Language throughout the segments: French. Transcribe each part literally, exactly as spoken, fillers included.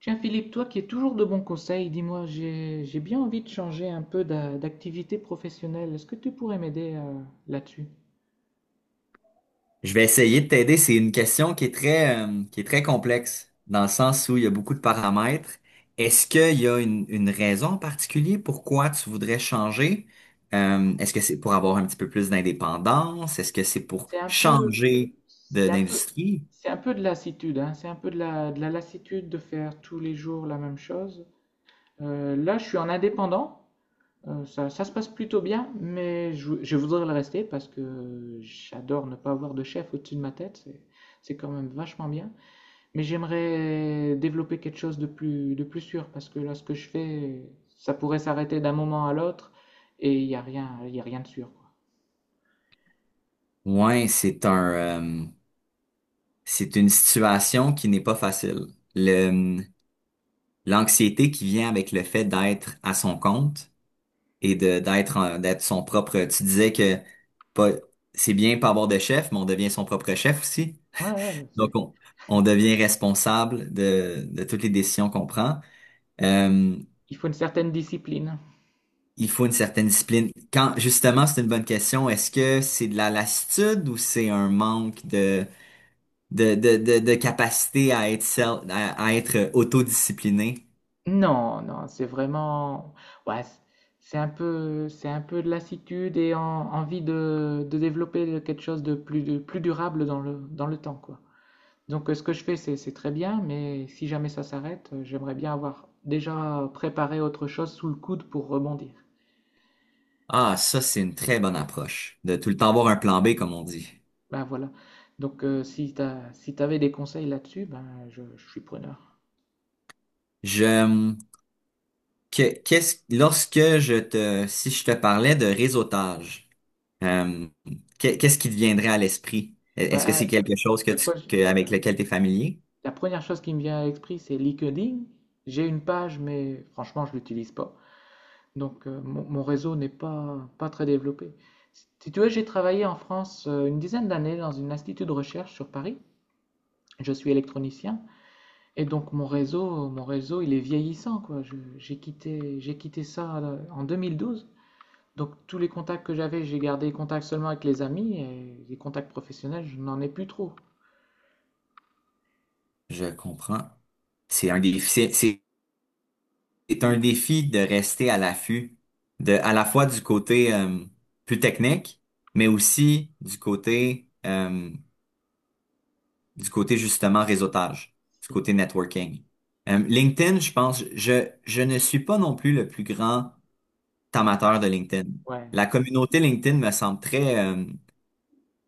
Tiens Philippe, toi qui es toujours de bons conseils, dis-moi, j'ai j'ai bien envie de changer un peu d'a- d'activité professionnelle. Est-ce que tu pourrais m'aider euh, là-dessus? Je vais essayer de t'aider. C'est une question qui est très, euh, qui est très complexe, dans le sens où il y a beaucoup de paramètres. Est-ce qu'il y a une, une raison en particulier pourquoi tu voudrais changer? Euh, est-ce que c'est pour avoir un petit peu plus d'indépendance? Est-ce que c'est pour C'est un peu, changer de- c'est un peu, d'industrie? c'est un peu de lassitude, hein. C'est un peu de la, de la lassitude de faire tous les jours la même chose. Euh, là, je suis en indépendant. Euh, ça, ça se passe plutôt bien, mais je, vou- je voudrais le rester parce que j'adore ne pas avoir de chef au-dessus de ma tête. C'est, c'est quand même vachement bien. Mais j'aimerais développer quelque chose de plus, de plus sûr, parce que là, ce que je fais, ça pourrait s'arrêter d'un moment à l'autre, et il n'y a rien, il y a rien de sûr, quoi. Ouais, c'est un, euh, c'est une situation qui n'est pas facile. Le, L'anxiété qui vient avec le fait d'être à son compte et de d'être en- d'être son propre. Tu disais que pas, c'est bien pas avoir de chef, mais on devient son propre chef aussi. Ouais, ouais, mais Donc c'est- on, on devient responsable de, de toutes les décisions qu'on prend. Euh, Il faut une certaine discipline. il faut une certaine discipline. Quand justement, c'est une bonne question. Est-ce que c'est de la lassitude ou c'est un manque de de, de, de, de capacité à être self- à, à être autodiscipliné? Non, non, c'est vraiment, ouais, c'est c'est un peu, c'est un peu de lassitude et en- envie de, de développer quelque chose de plus, de plus durable dans le, dans le temps, quoi. Donc, euh, ce que je fais, c'est, c'est très bien, mais si jamais ça s'arrête, euh, j'aimerais bien avoir déjà préparé autre chose sous le coude pour rebondir. Ah, ça, c'est une très bonne approche. De tout le temps avoir un plan B, comme on dit. Ben voilà. Donc, euh, si t'as, si t'avais des conseils là-dessus, ben je, je suis preneur. Je Que- qu'est-ce, lorsque je te, Si je te parlais de réseautage, euh, qu'est- qu'est-ce qui te viendrait à l'esprit? E, Ben, Est-ce que c'est la, quelque chose que tu, pro- que- avec lequel tu es familier? la première chose qui me vient à l'esprit, c'est LinkedIn. J'ai une page, mais franchement, je l'utilise pas. Donc, euh, mon, mon réseau n'est pas, pas très développé. Si tu veux, j'ai travaillé en France euh, une dizaine d'années dans un institut de recherche sur Paris. Je suis électronicien et donc mon réseau, mon réseau, il est vieillissant, quoi. Je- j'ai quitté, j'ai quitté ça euh, en deux mille douze. Donc tous les contacts que j'avais, j'ai gardé les contacts seulement avec les amis et les contacts professionnels, je n'en ai plus trop. Je comprends. C'est un défi, c'est, c'est c'est un Mhm. défi de rester à l'affût, de, à la fois du côté, euh, plus technique, mais aussi du côté, euh, du côté justement réseautage, du côté networking. Euh, LinkedIn, je pense, je, je ne suis pas non plus le plus grand amateur de LinkedIn. Ouais. La communauté LinkedIn me semble très euh,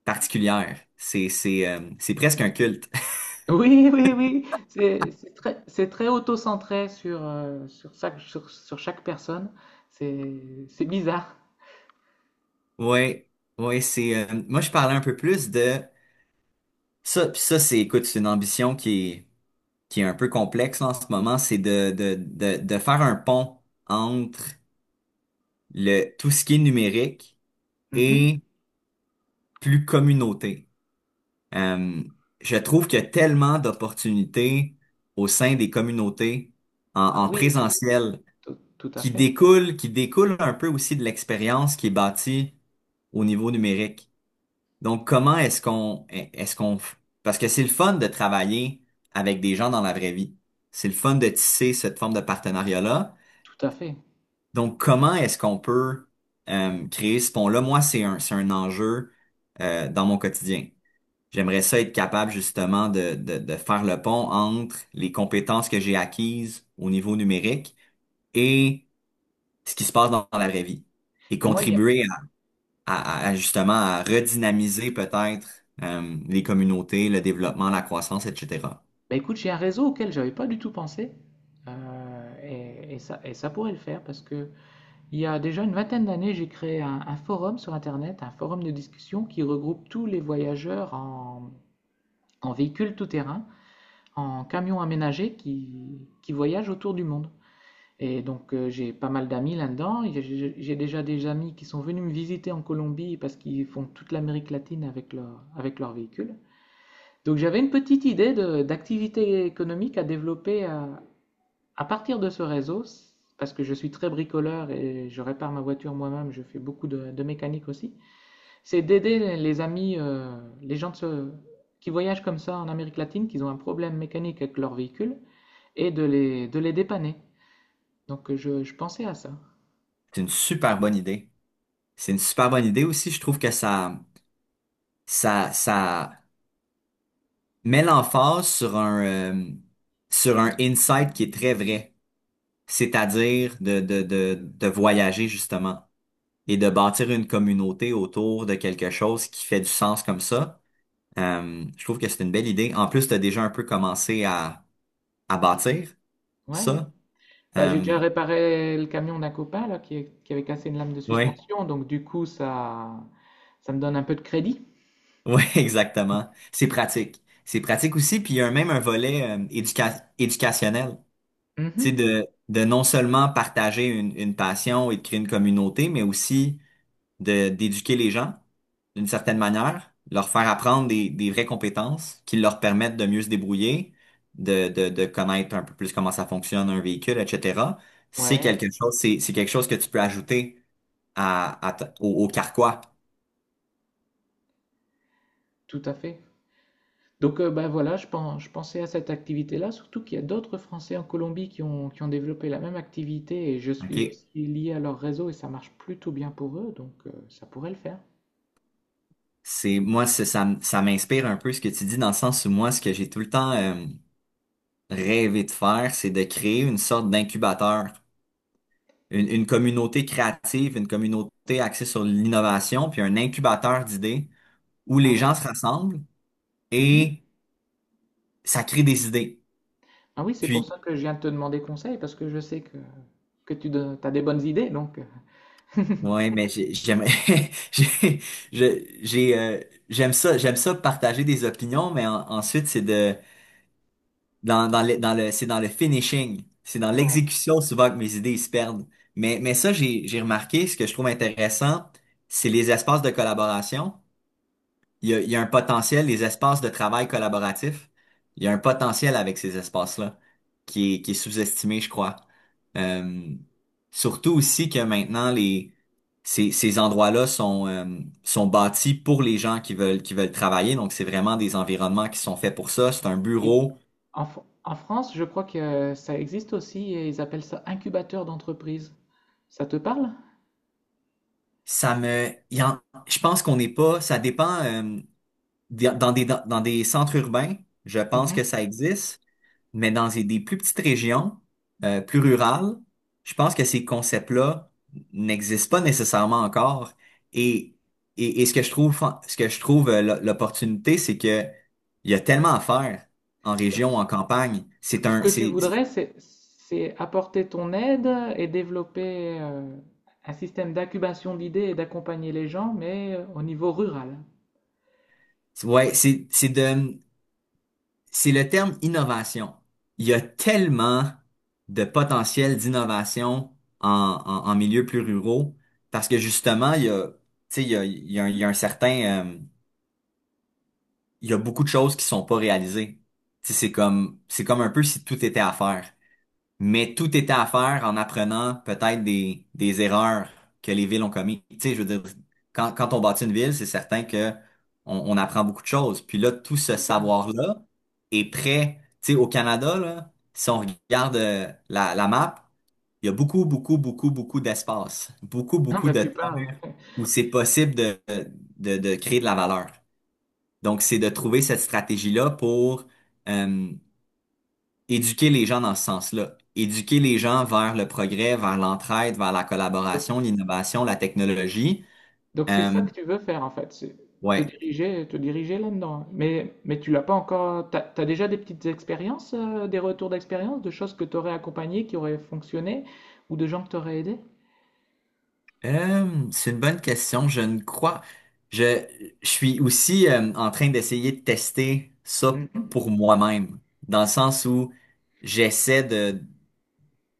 particulière. C'est c'est euh, c'est presque un culte. Oui, oui, oui. C'est c'est très, c'est très auto-centré sur, euh, sur, chaque, sur, sur chaque personne. C'est c'est bizarre. Ouais, ouais, c'est euh, moi je parlais un peu plus de ça. Puis ça c'est écoute, c'est une ambition qui est qui est un peu complexe là, en ce moment, c'est de de de de faire un pont entre le tout ce qui est numérique Mhm. et plus communauté. Euh, je trouve qu'il y a tellement d'opportunités au sein des communautés en, Ah en oui, tout, présentiel tout- tout à qui fait. découle, qui découle un peu aussi de l'expérience qui est bâtie au niveau numérique. Donc, comment est-ce qu'on, est-ce qu'on, parce que c'est le fun de travailler avec des gens dans la vraie vie. C'est le fun de tisser cette forme de partenariat-là. Tout à fait. Donc, comment est-ce qu'on peut euh, créer ce pont-là? Moi, c'est un, c'est un enjeu euh, dans mon quotidien. J'aimerais ça être capable justement de, de, de faire le pont entre les compétences que j'ai acquises au niveau numérique et ce qui se passe dans, dans la vraie vie et Et moi, il y a- contribuer à, à- à justement à redynamiser peut-être euh, les communautés, le développement, la croissance, et cetera. Bah, écoute, j'ai un réseau auquel j'avais pas du tout pensé. Euh, et, et ça, et ça pourrait le faire parce que il y a déjà une vingtaine d'années, j'ai créé un, un forum sur Internet, un forum de discussion qui regroupe tous les voyageurs en, en véhicule tout-terrain, en camions aménagés qui, qui voyagent autour du monde. Et donc euh, j'ai pas mal d'amis là-dedans. J'ai- J'ai déjà des amis qui sont venus me visiter en Colombie parce qu'ils font toute l'Amérique latine avec leur, avec leur véhicule. Donc j'avais une petite idée de- d'activité économique à développer euh, à partir de ce réseau, parce que je suis très bricoleur et je répare ma voiture moi-même, je fais beaucoup de, de mécanique aussi, c'est d'aider les les amis, euh, les gens de ce- qui voyagent comme ça en Amérique latine, qui ont un problème mécanique avec leur véhicule, et de les, de les dépanner. Donc euh, je, je pensais à ça. C'est une super bonne idée. C'est une super bonne idée aussi. Je trouve que ça, ça, ça met l'emphase sur un, euh, sur un insight qui est très vrai, c'est-à-dire de, de, de, de voyager justement et de bâtir une communauté autour de quelque chose qui fait du sens comme ça. Euh, je trouve que c'est une belle idée. En plus, tu as déjà un peu commencé à, à bâtir Ouais, ouais. ça. Bah, j'ai Euh, déjà réparé le camion d'un copain là, qui, est- qui avait cassé une lame de ouais, suspension, donc du coup ça, ça me donne un peu de crédit. ouais, exactement. C'est pratique. C'est pratique aussi. Puis il y a même un volet euh, éduca- éducationnel. Tu sais, Mhm. de, de non seulement partager une, une passion et de créer une communauté, mais aussi de d'éduquer les gens d'une certaine manière, leur faire apprendre des, des vraies compétences qui leur permettent de mieux se débrouiller, de, de, de connaître un peu plus comment ça fonctionne un véhicule, et cetera. C'est Ouais, quelque chose, c'est, c'est quelque chose que tu peux ajouter à, à ta- au, au carquois. tout à fait. Donc, euh, bah, voilà, je pen- je pensais à cette activité-là, surtout qu'il y a d'autres Français en Colombie qui ont, qui ont développé la même activité et je suis OK? aussi lié à leur réseau et ça marche plutôt bien pour eux, donc euh, ça pourrait le faire. C'est moi, c'est- ça, m- Ça m'inspire un peu ce que tu dis dans le sens où moi, ce que j'ai tout le temps euh, rêvé de faire, c'est de créer une sorte d'incubateur, une, une communauté créative, une communauté axée sur l'innovation, puis un incubateur d'idées où Ah les oui? gens se rassemblent Mhm. et ça crée des idées. Ah oui, c'est pour Puis, ça que je viens de te demander conseil parce que je sais que, que tu as des bonnes idées, donc. euh, ouais, mais j'ai- j'aime, j'ai, je- j'ai, euh, j'aime ça, j'aime ça partager des opinions, mais en- ensuite c'est de, dans, dans le, dans le, c'est dans le finishing, c'est dans Ouais. l'exécution souvent que mes idées se perdent. Mais, mais ça, j'ai, j'ai remarqué, ce que je trouve intéressant, c'est les espaces de collaboration. Il y a, il y a un potentiel, les espaces de travail collaboratif, il y a un potentiel avec ces espaces-là qui est, qui est sous-estimé, je crois. Euh, Surtout aussi que maintenant, les, ces, ces endroits-là sont, euh, sont bâtis pour les gens qui veulent, qui veulent travailler. Donc, c'est vraiment des environnements qui sont faits pour ça. C'est un Et bureau. en, Fr- en France, je crois que euh, ça existe aussi et ils appellent ça incubateur d'entreprise. Ça te parle? Ça me, il y en- Je pense qu'on n'est pas, ça dépend, euh, des- dans des, dans des centres urbains, je pense que Mhm. ça existe. Mais dans des des plus petites régions, euh, plus rurales, je pense que ces concepts-là n'existent pas nécessairement encore. Et, et, et ce que je trouve, ce que je trouve euh, l'o- l'opportunité, c'est que il y a tellement à faire en région, en campagne. C'est Ce un, que tu c'est, voudrais, c'est c'est apporter ton aide et développer euh, un système d'incubation d'idées et d'accompagner les gens, mais euh, au niveau rural. c'est- Ouais, c'est, c'est de, c'est le terme innovation. Il y a tellement de potentiel d'innovation en, en, en milieu plus ruraux parce que justement, il y a, tu sais, il y a, il y a, un il y a un certain euh, il y a beaucoup de choses qui sont pas réalisées. Tu sais, c'est comme, c'est comme un peu si tout était à faire. Mais tout était à faire en apprenant peut-être des, des erreurs que les villes ont commises. Tu sais, je veux dire, quand, quand on bâtit une ville, c'est certain que on, on apprend beaucoup de choses. Puis là, tout ce Total. savoir-là est prêt. Tu sais, au Canada, là, si on regarde euh, la, la map, il y a beaucoup, beaucoup, beaucoup, beaucoup d'espace, beaucoup, Non, beaucoup mais de tu parles. terres où c'est possible de, de, de créer de la valeur. Donc, c'est de trouver cette stratégie-là pour euh, éduquer les gens dans ce sens-là. Éduquer les gens vers le progrès, vers l'entraide, vers la Donc, c'est- collaboration, l'innovation, la technologie. donc c'est Euh, ça que tu veux faire en fait, c'est te ouais, diriger, te diriger là-dedans. Mais, mais tu l'as pas encore. T'as, t'as déjà des petites expériences, euh, des retours d'expérience, de choses que tu aurais accompagnées, qui auraient fonctionné, ou de gens que tu aurais aidés? Euh, c'est une bonne question. Je ne crois. Je, je suis aussi euh, en train d'essayer de tester ça Mhm. pour moi-même, dans le sens où j'essaie de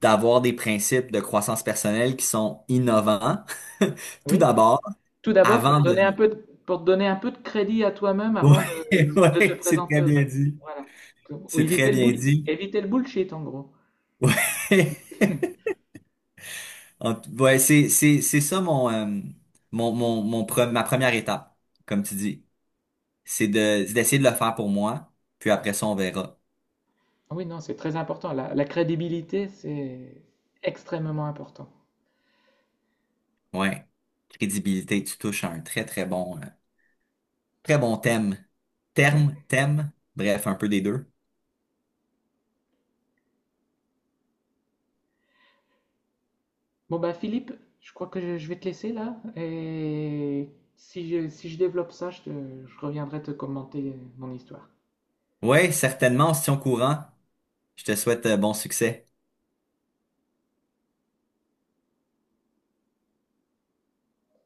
d'avoir des principes de croissance personnelle qui sont innovants, tout Oui. d'abord, Tout d'abord, pour te avant de donner un peu de, pour te donner un peu de crédit à toi-même avant de, Ouais, de te ouais, c'est présenter très aux bien autres. dit. Voilà. Ou C'est très éviter le bien bull, dit. éviter le bullshit, en gros. Ouais, En tout- ouais, c'est c'est c'est ça mon euh, mon mon mon pre- ma première étape, comme tu dis, c'est de c'est d'essayer de le faire pour moi, puis après ça on verra. Ah oui, non, c'est très important. La, la crédibilité, c'est extrêmement important. Ouais, crédibilité, tu touches à un très très bon euh, très bon thème, terme, thème, bref, un peu des deux. Bon, bah, Philippe, je crois que je, je vais te laisser là. Et si je, si je développe ça, je, te- je reviendrai te commenter mon histoire. Ouais, certainement, on se tient au courant. Je te souhaite euh, bon succès.